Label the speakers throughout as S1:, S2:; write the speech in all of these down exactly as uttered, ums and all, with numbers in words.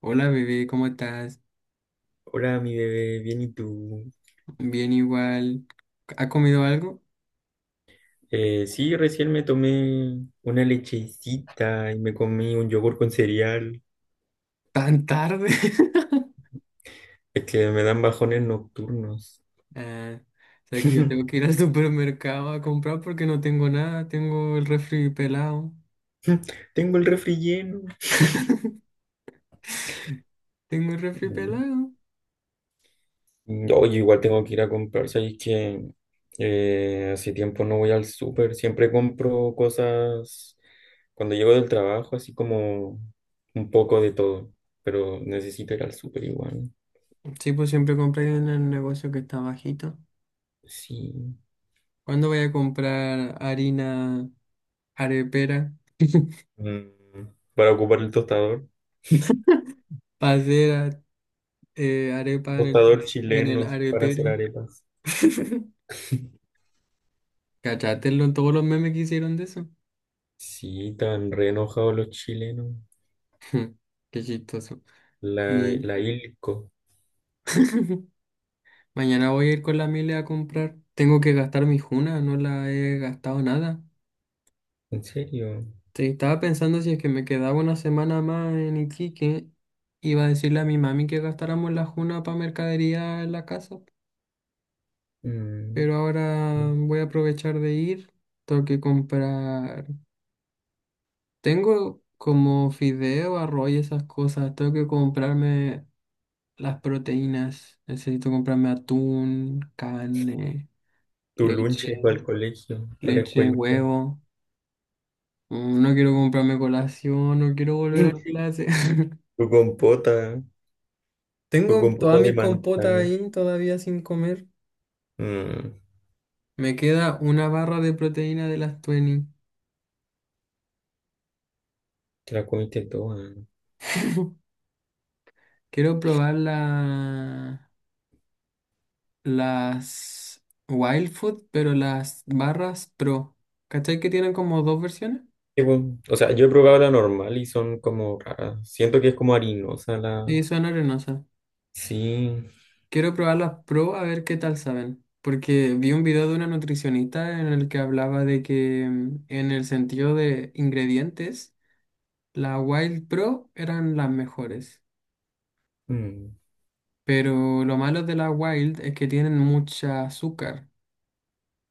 S1: Hola bebé, ¿cómo estás?
S2: Hola, mi bebé, bien, ¿y tú?
S1: Bien igual. ¿Ha comido algo?
S2: Eh, sí, recién me tomé una lechecita y me comí un yogur con cereal.
S1: ¿Tan tarde?
S2: Es que me dan bajones nocturnos.
S1: Ah, sabes que yo tengo que ir al supermercado a comprar porque no tengo nada. Tengo el refri pelado.
S2: Tengo el refri lleno.
S1: Tengo el refri
S2: Mm,
S1: pelado.
S2: Oye, igual tengo que ir a comprar. ¿Sabes que eh, hace tiempo no voy al súper? Siempre compro cosas cuando llego del trabajo, así como un poco de todo, pero necesito ir al súper igual.
S1: Sí, pues siempre compré en el negocio que está bajito.
S2: Sí.
S1: ¿Cuándo voy a comprar harina arepera?
S2: Mm, para ocupar el tostador.
S1: Para hacer a- eh, arepa en
S2: Tostador
S1: el, en el
S2: chileno, sí, para hacer
S1: arepero.
S2: arepas.
S1: Cachatelo en todos los memes que hicieron de eso.
S2: Sí, tan re enojados los chilenos.
S1: Qué chistoso.
S2: La,
S1: Y
S2: la Ilco.
S1: mañana voy a ir con la Mile a comprar. Tengo que gastar mi juna, no la he gastado nada.
S2: ¿En serio?
S1: Te estaba pensando si es que me quedaba una semana más en Iquique, iba a decirle a mi mami que gastáramos la juna para mercadería en la casa.
S2: Mm.
S1: Pero ahora voy a aprovechar de ir. Tengo que comprar. Tengo como fideo, arroz y esas cosas. Tengo que comprarme las proteínas. Necesito comprarme atún, carne,
S2: Tu lunche para el
S1: leche,
S2: colegio, para la
S1: leche,
S2: escuela.
S1: huevo. Mm, No quiero comprarme colación, no quiero volver a
S2: Mm.
S1: clase.
S2: Tu compota, tu
S1: Tengo
S2: compota
S1: todas
S2: de
S1: mis compotas
S2: manzana.
S1: ahí todavía sin comer.
S2: Mm,
S1: Me queda una barra de proteína de las veinte.
S2: Te la comiste toda.
S1: Quiero probar la, las Wild Food, pero las barras Pro. ¿Cachai que tienen como dos versiones?
S2: Sí, bueno, o sea, yo he probado la normal y son como raras. Siento que es como harinosa la.
S1: Sí, son arenosas.
S2: Sí.
S1: Quiero probar las Pro a ver qué tal saben. Porque vi un video de una nutricionista en el que hablaba de que mm, en el sentido de ingredientes, las Wild Pro eran las mejores,
S2: Mm.
S1: pero lo malo de las Wild es que tienen mucha azúcar.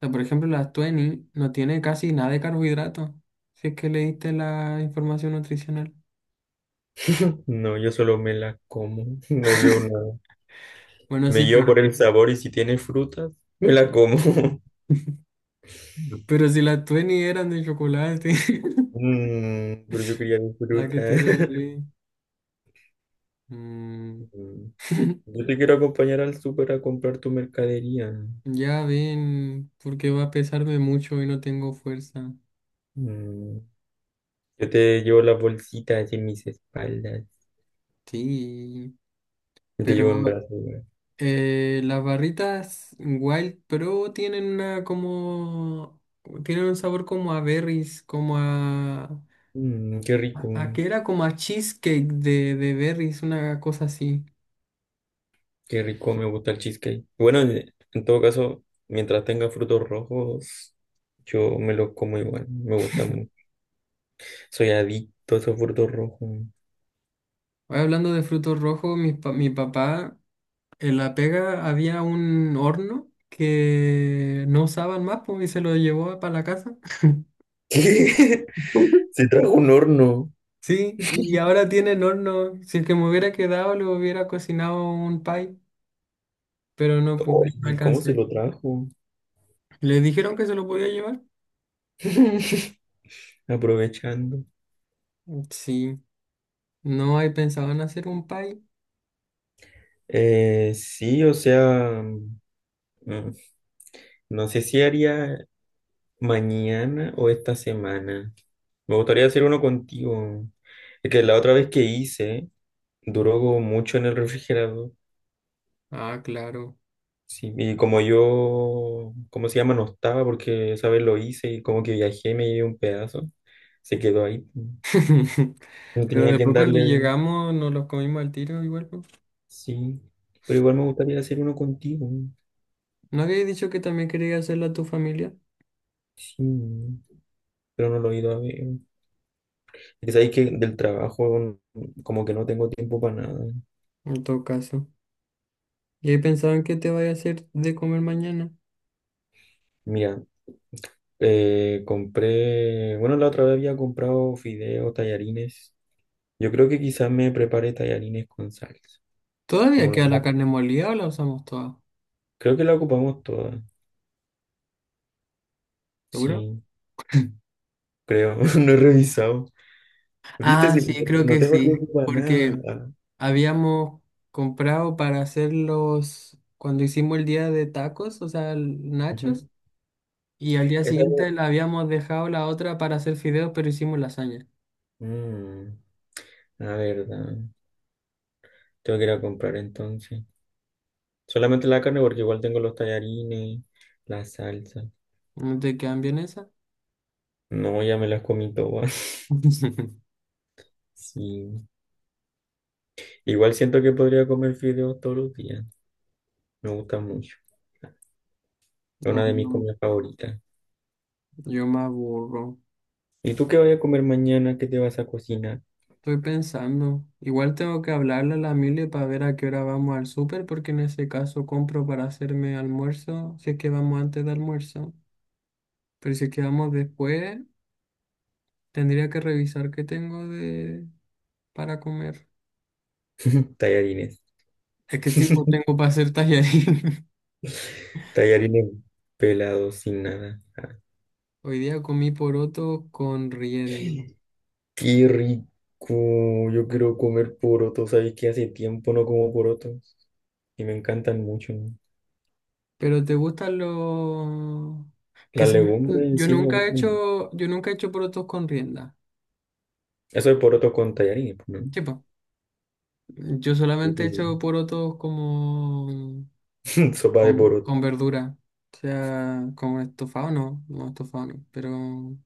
S1: O sea, por ejemplo, las veinte no tiene casi nada de carbohidrato, si es que leíste la información nutricional.
S2: No, yo solo me la como, no leo nada.
S1: Bueno,
S2: Me
S1: sí,
S2: llevo
S1: pues.
S2: por el sabor y si tiene frutas, me la como.
S1: Pero si las veinte eran de chocolate,
S2: Mm, pero yo quería mi
S1: la que
S2: fruta.
S1: te regalé. Mm.
S2: Mm, Yo te quiero acompañar al súper a comprar tu mercadería.
S1: Ya ven, porque va a pesarme mucho y no tengo fuerza.
S2: Mm, Yo te llevo las bolsitas en mis espaldas.
S1: Sí,
S2: Yo te
S1: pero
S2: llevo en brazos, güey.
S1: Eh, las barritas Wild Pro tienen una como... Tienen un sabor como a berries, como a...
S2: Mm, qué rico,
S1: ¿A qué era? Como a cheesecake de, de berries, una cosa así.
S2: qué rico, me gusta el cheesecake. Bueno, en en todo caso, mientras tenga frutos rojos, yo me los como igual, me gustan. Soy adicto a soporto rojo.
S1: Hoy hablando de frutos rojos, mi, pa- mi papá en La Pega había un horno que no usaban más pues, y se lo llevó para la casa.
S2: ¿Qué? Se trajo un horno.
S1: Sí, y ahora tienen horno. Si es que me hubiera quedado, le hubiera cocinado un pie, pero no pude, no
S2: ¿Y cómo se
S1: alcancé.
S2: lo trajo?
S1: ¿Les dijeron que se lo podía llevar?
S2: Aprovechando.
S1: Sí. No, ahí pensaban hacer un pie.
S2: Eh, sí, o sea, mm, no sé si haría mañana o esta semana. Me gustaría hacer uno contigo. Es que la otra vez que hice, duró como mucho en el refrigerador.
S1: Ah, claro.
S2: Sí, y como yo, ¿cómo se llama? No estaba porque esa vez lo hice y como que viajé me llevé un pedazo. Se quedó ahí. No
S1: Pero
S2: tenía quien
S1: después cuando
S2: darle,
S1: llegamos nos los comimos al tiro igual. Pues.
S2: sí. Pero igual me gustaría hacer uno contigo.
S1: ¿No habías dicho que también querías hacerlo a tu familia?
S2: Sí, pero no lo he ido a ver. Es que sabéis que del trabajo como que no tengo tiempo para nada.
S1: En todo caso. ¿Y ahí pensaban que te vaya a hacer de comer mañana?
S2: Mira, eh, compré, bueno, la otra vez había comprado fideos, tallarines. Yo creo que quizás me prepare tallarines con salsa.
S1: ¿Todavía
S2: Como
S1: queda la
S2: la-
S1: carne molida o la usamos toda?
S2: Creo que la ocupamos toda.
S1: ¿Seguro?
S2: Sí, creo. No he revisado. Viste,
S1: Ah,
S2: si
S1: sí, creo
S2: no
S1: que
S2: tengo
S1: sí.
S2: tiempo para
S1: Porque
S2: nada.
S1: habíamos comprado para hacerlos cuando hicimos el día de tacos, o sea, el- nachos.
S2: Ujú.
S1: Y al día
S2: Esa-
S1: siguiente la habíamos dejado la otra para hacer fideos, pero hicimos lasaña.
S2: Mm, la verdad. Tengo que ir a comprar entonces. Solamente la carne porque igual tengo los tallarines, la salsa.
S1: ¿No te quedan bien esas?
S2: No, ya me las comí todas. Sí. Igual siento que podría comer fideos todos los días. Me gusta mucho. Es
S1: No,
S2: una de mis
S1: yo,
S2: comidas favoritas.
S1: yo me aburro.
S2: ¿Y tú qué vas a comer mañana? ¿Qué te vas a cocinar?
S1: Estoy pensando. Igual tengo que hablarle a la Mile para ver a qué hora vamos al súper, porque en ese caso compro para hacerme almuerzo, si es que vamos antes de almuerzo. Pero si es que vamos después, tendría que revisar qué tengo de para comer.
S2: Tallarines.
S1: Es que sí, pues tengo para hacer tallarín.
S2: Tallarines pelados sin nada.
S1: Hoy día comí poroto con riendo.
S2: ¡Qué rico! Yo quiero comer porotos. Sabes que hace tiempo no como porotos y me encantan mucho, ¿no?
S1: Pero te gustan los... Que
S2: Las
S1: se-
S2: legumbres en
S1: Yo
S2: sí me
S1: nunca he
S2: gustan.
S1: hecho, yo nunca he hecho porotos con rienda.
S2: Eso es poroto con tallarines, pues, ¿no?
S1: Tipo, yo solamente he hecho porotos como
S2: Sopa de
S1: con,
S2: poroto.
S1: con verdura. O sea, como estofado no, no estofado no. Pero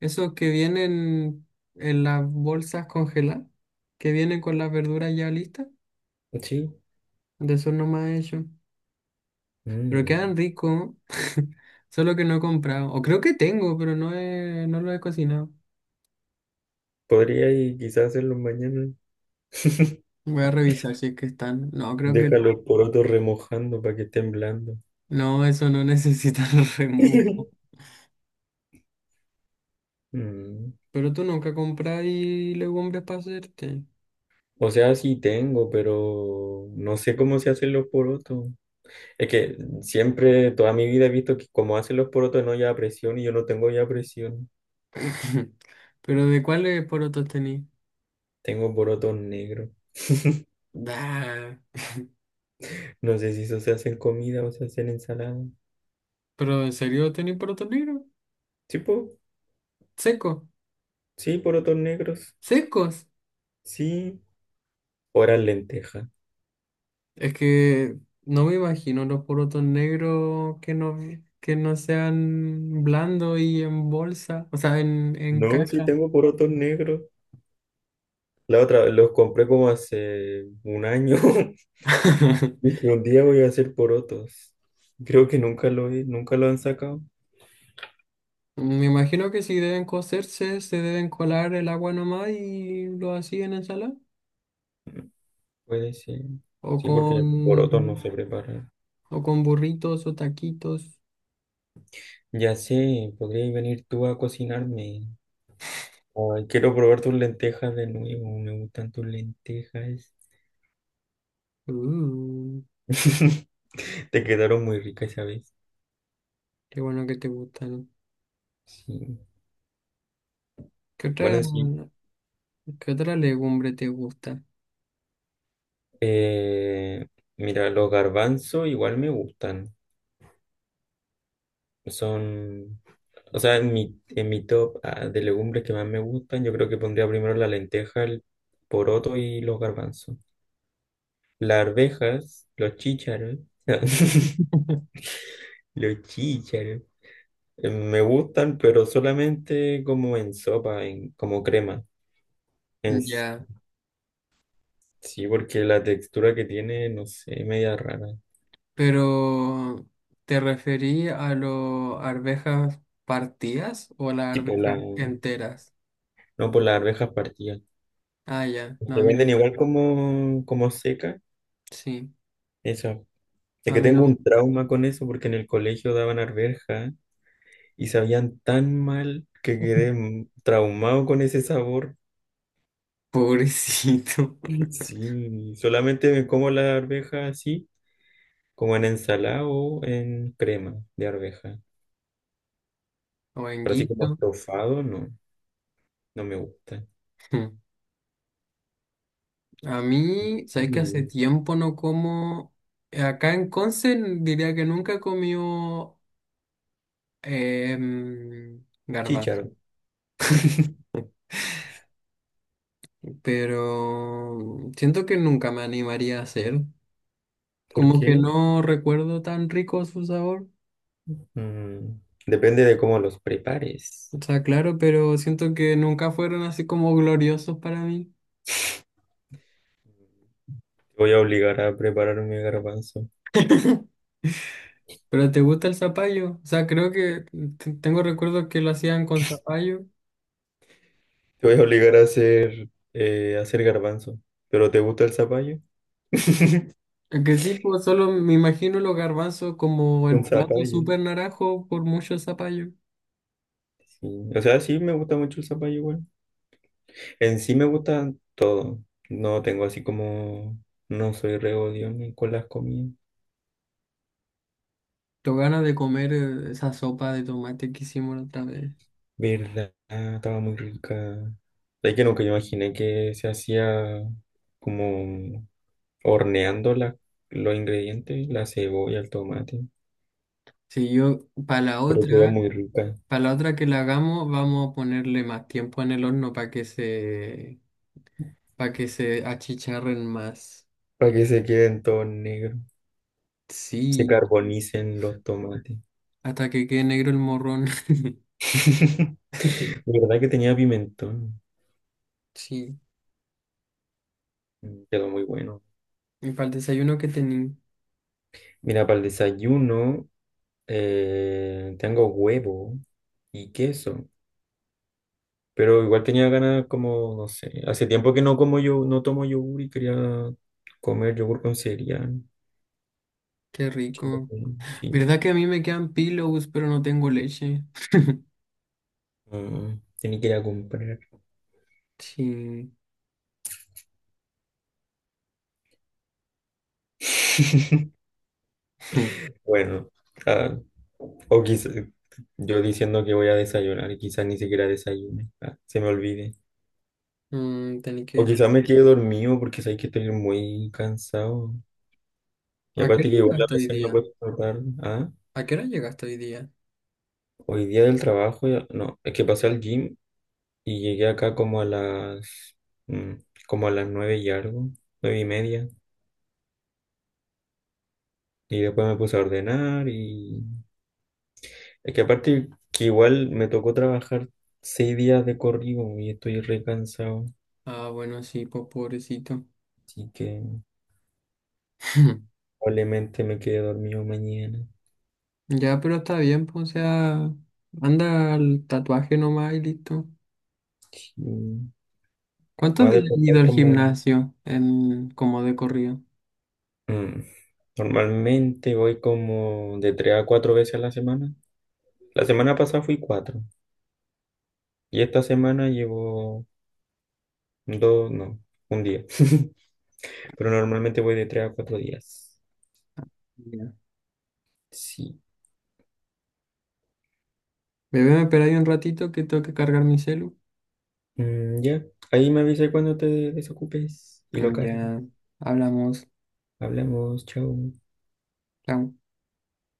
S1: esos que vienen en las bolsas congeladas, que vienen con las verduras ya listas,
S2: Sí.
S1: de esos no más he hecho. Pero
S2: Mm.
S1: quedan ricos, solo que no he comprado. O creo que tengo, pero no he- no lo he cocinado.
S2: Podría y quizás hacerlo mañana.
S1: Voy a revisar si es que están. No, creo que
S2: Deja
S1: no.
S2: los porotos remojando para que estén blandos.
S1: No, eso no necesita remojo.
S2: Mm.
S1: Pero tú nunca compras y legumbres para hacerte.
S2: O sea, sí tengo, pero no sé cómo se hacen los porotos. Es que siempre, toda mi vida he visto que como hacen los porotos no lleva presión y yo no tengo ya presión.
S1: ¿Pero de cuáles porotos tenés?
S2: Tengo porotos negros.
S1: Da.
S2: No sé si eso se hace en comida o se hace en ensalada.
S1: ¿Pero en serio tenés porotos negros?
S2: Sí, po.
S1: Secos.
S2: Sí, porotos negros.
S1: Secos.
S2: Sí, ahora lentejas.
S1: Es que no me imagino los porotos negros que no, que no sean blandos y en bolsa. O sea, en, en
S2: No, sí
S1: caja.
S2: tengo porotos negros. La otra, los compré como hace un año. Dije, un día voy a hacer porotos. Creo que nunca lo he- nunca lo han sacado.
S1: Me imagino que si deben cocerse, se deben colar el agua nomás y lo hacían en ensalada.
S2: Puede ser.
S1: O
S2: Sí,
S1: con,
S2: porque porotos no se preparan.
S1: o con burritos o taquitos.
S2: Ya sé, podrías venir tú a cocinarme. Ay, quiero probar tus lentejas de nuevo. Me gustan tus lentejas.
S1: Uh,
S2: Te quedaron muy ricas esa vez.
S1: qué bueno que te gustan.
S2: Sí.
S1: ¿Qué otra,
S2: Bueno, sí.
S1: qué otra legumbre te gusta?
S2: Eh, Mira, los garbanzos igual me gustan. Son, o sea, en mi, en mi top, ah, de legumbres que más me gustan, yo creo que pondría primero la lenteja, el poroto y los garbanzos. Las arvejas, los chícharos, los chícharos, eh, me gustan, pero solamente como en sopa, en, como crema. En s-
S1: Ya,
S2: sí, porque la textura que tiene, no sé, media rara.
S1: pero ¿te referí a las arvejas partidas o a las
S2: Tipo la,
S1: arvejas
S2: no
S1: enteras?
S2: por las arvejas partidas.
S1: Ah, ya, no,
S2: Te
S1: a mí no me
S2: venden igual
S1: gusta.
S2: como, como seca.
S1: Sí,
S2: Eso. Es
S1: a
S2: que
S1: mí
S2: tengo
S1: no.
S2: un trauma con eso porque en el colegio daban arveja y sabían tan mal que quedé m- traumado con ese sabor.
S1: Pobrecito.
S2: Sí, solamente me como la arveja así, como en ensalada o en crema de arveja.
S1: O
S2: Pero así como estofado, no, no me gusta.
S1: hmm. A mí, sabes que hace
S2: Mm.
S1: tiempo no como. Acá en Conce diría que nunca comió em, garbanzo,
S2: Chícharo.
S1: pero siento que nunca me animaría a hacer.
S2: ¿Por
S1: Como que
S2: qué?
S1: no recuerdo tan rico su sabor.
S2: Mm, Depende de cómo los prepares.
S1: O sea, claro, pero siento que nunca fueron así como gloriosos para mí.
S2: Voy a obligar a prepararme garbanzo.
S1: ¿Pero te gusta el zapallo? O sea, creo que t- tengo recuerdos que lo hacían con zapallo.
S2: Te voy a obligar a hacer, eh, a hacer garbanzo. ¿Pero te gusta el zapallo?
S1: Es que sí, pues solo me imagino los garbanzos como
S2: Un
S1: el plato
S2: zapallo.
S1: súper naranjo por mucho zapallo.
S2: Sí. O sea, sí me gusta mucho el zapallo igual. En sí me gusta todo. No tengo así como. No soy re ni con las comidas.
S1: Tengo ganas de comer eh, esa sopa de tomate que hicimos la otra vez.
S2: ¿Verdad? Estaba muy rica. Es que nunca imaginé que se hacía como horneando la- los ingredientes, la cebolla, el tomate.
S1: Si yo, para la
S2: Pero estaba
S1: otra,
S2: muy rica.
S1: para la otra que la hagamos, vamos a ponerle más tiempo en el horno para que se, para que se achicharren más.
S2: Para que se queden todos negros. Se
S1: Sí,
S2: carbonicen los tomates.
S1: hasta que quede negro el morrón.
S2: De verdad que tenía pimentón.
S1: Sí,
S2: Mm, Quedó muy bueno.
S1: y para el desayuno que tení,
S2: Mira, para el desayuno, eh, tengo huevo y queso. Pero igual tenía ganas como, no sé, hace tiempo que no como yo, no tomo yogur y quería comer yogur con cereal.
S1: qué rico.
S2: Sí, sí.
S1: ¿Verdad que a mí me quedan pillows, pero no tengo leche?
S2: mm, Tenía que ir a comprar.
S1: Sí.
S2: Bueno, ah, o quizás yo diciendo que voy a desayunar y quizás ni siquiera desayune. Ah, se me olvide.
S1: Mm, tenés que
S2: O
S1: decir,
S2: quizás me quede dormido porque sabéis que estoy muy cansado. Y
S1: ¿a qué
S2: aparte
S1: hora
S2: que igual a
S1: llegaste hoy
S2: veces me
S1: día?
S2: acuesto tarde. Ah,
S1: ¿A qué hora llegaste hoy día?
S2: hoy día del trabajo ya- No, es que pasé al gym y llegué acá como a las... mm, como a las nueve y algo, nueve y media. Y después me puse a ordenar y. Es que aparte que igual me tocó trabajar seis días de corrido y estoy re cansado.
S1: Ah, bueno, sí, pues pobrecito.
S2: Así que probablemente me quede dormido mañana.
S1: Ya, pero está bien, pues, o sea, anda al tatuaje nomás y listo.
S2: Sí. Me
S1: ¿Cuántos
S2: voy a
S1: días has
S2: despertar
S1: ido al
S2: como.
S1: gimnasio en, como de corrido?
S2: Mm, Normalmente voy como de tres a cuatro veces a la semana. La semana pasada fui cuatro y esta semana llevo dos, no, un día. Pero normalmente voy de tres a cuatro días.
S1: Ya.
S2: Sí.
S1: Bebé, me espera ahí un ratito que tengo que cargar mi celu.
S2: Mm, ya, ahí me avisa cuando te desocupes y lo
S1: Mm,
S2: cargo.
S1: ya, hablamos.
S2: Hablamos, chao.
S1: Chao.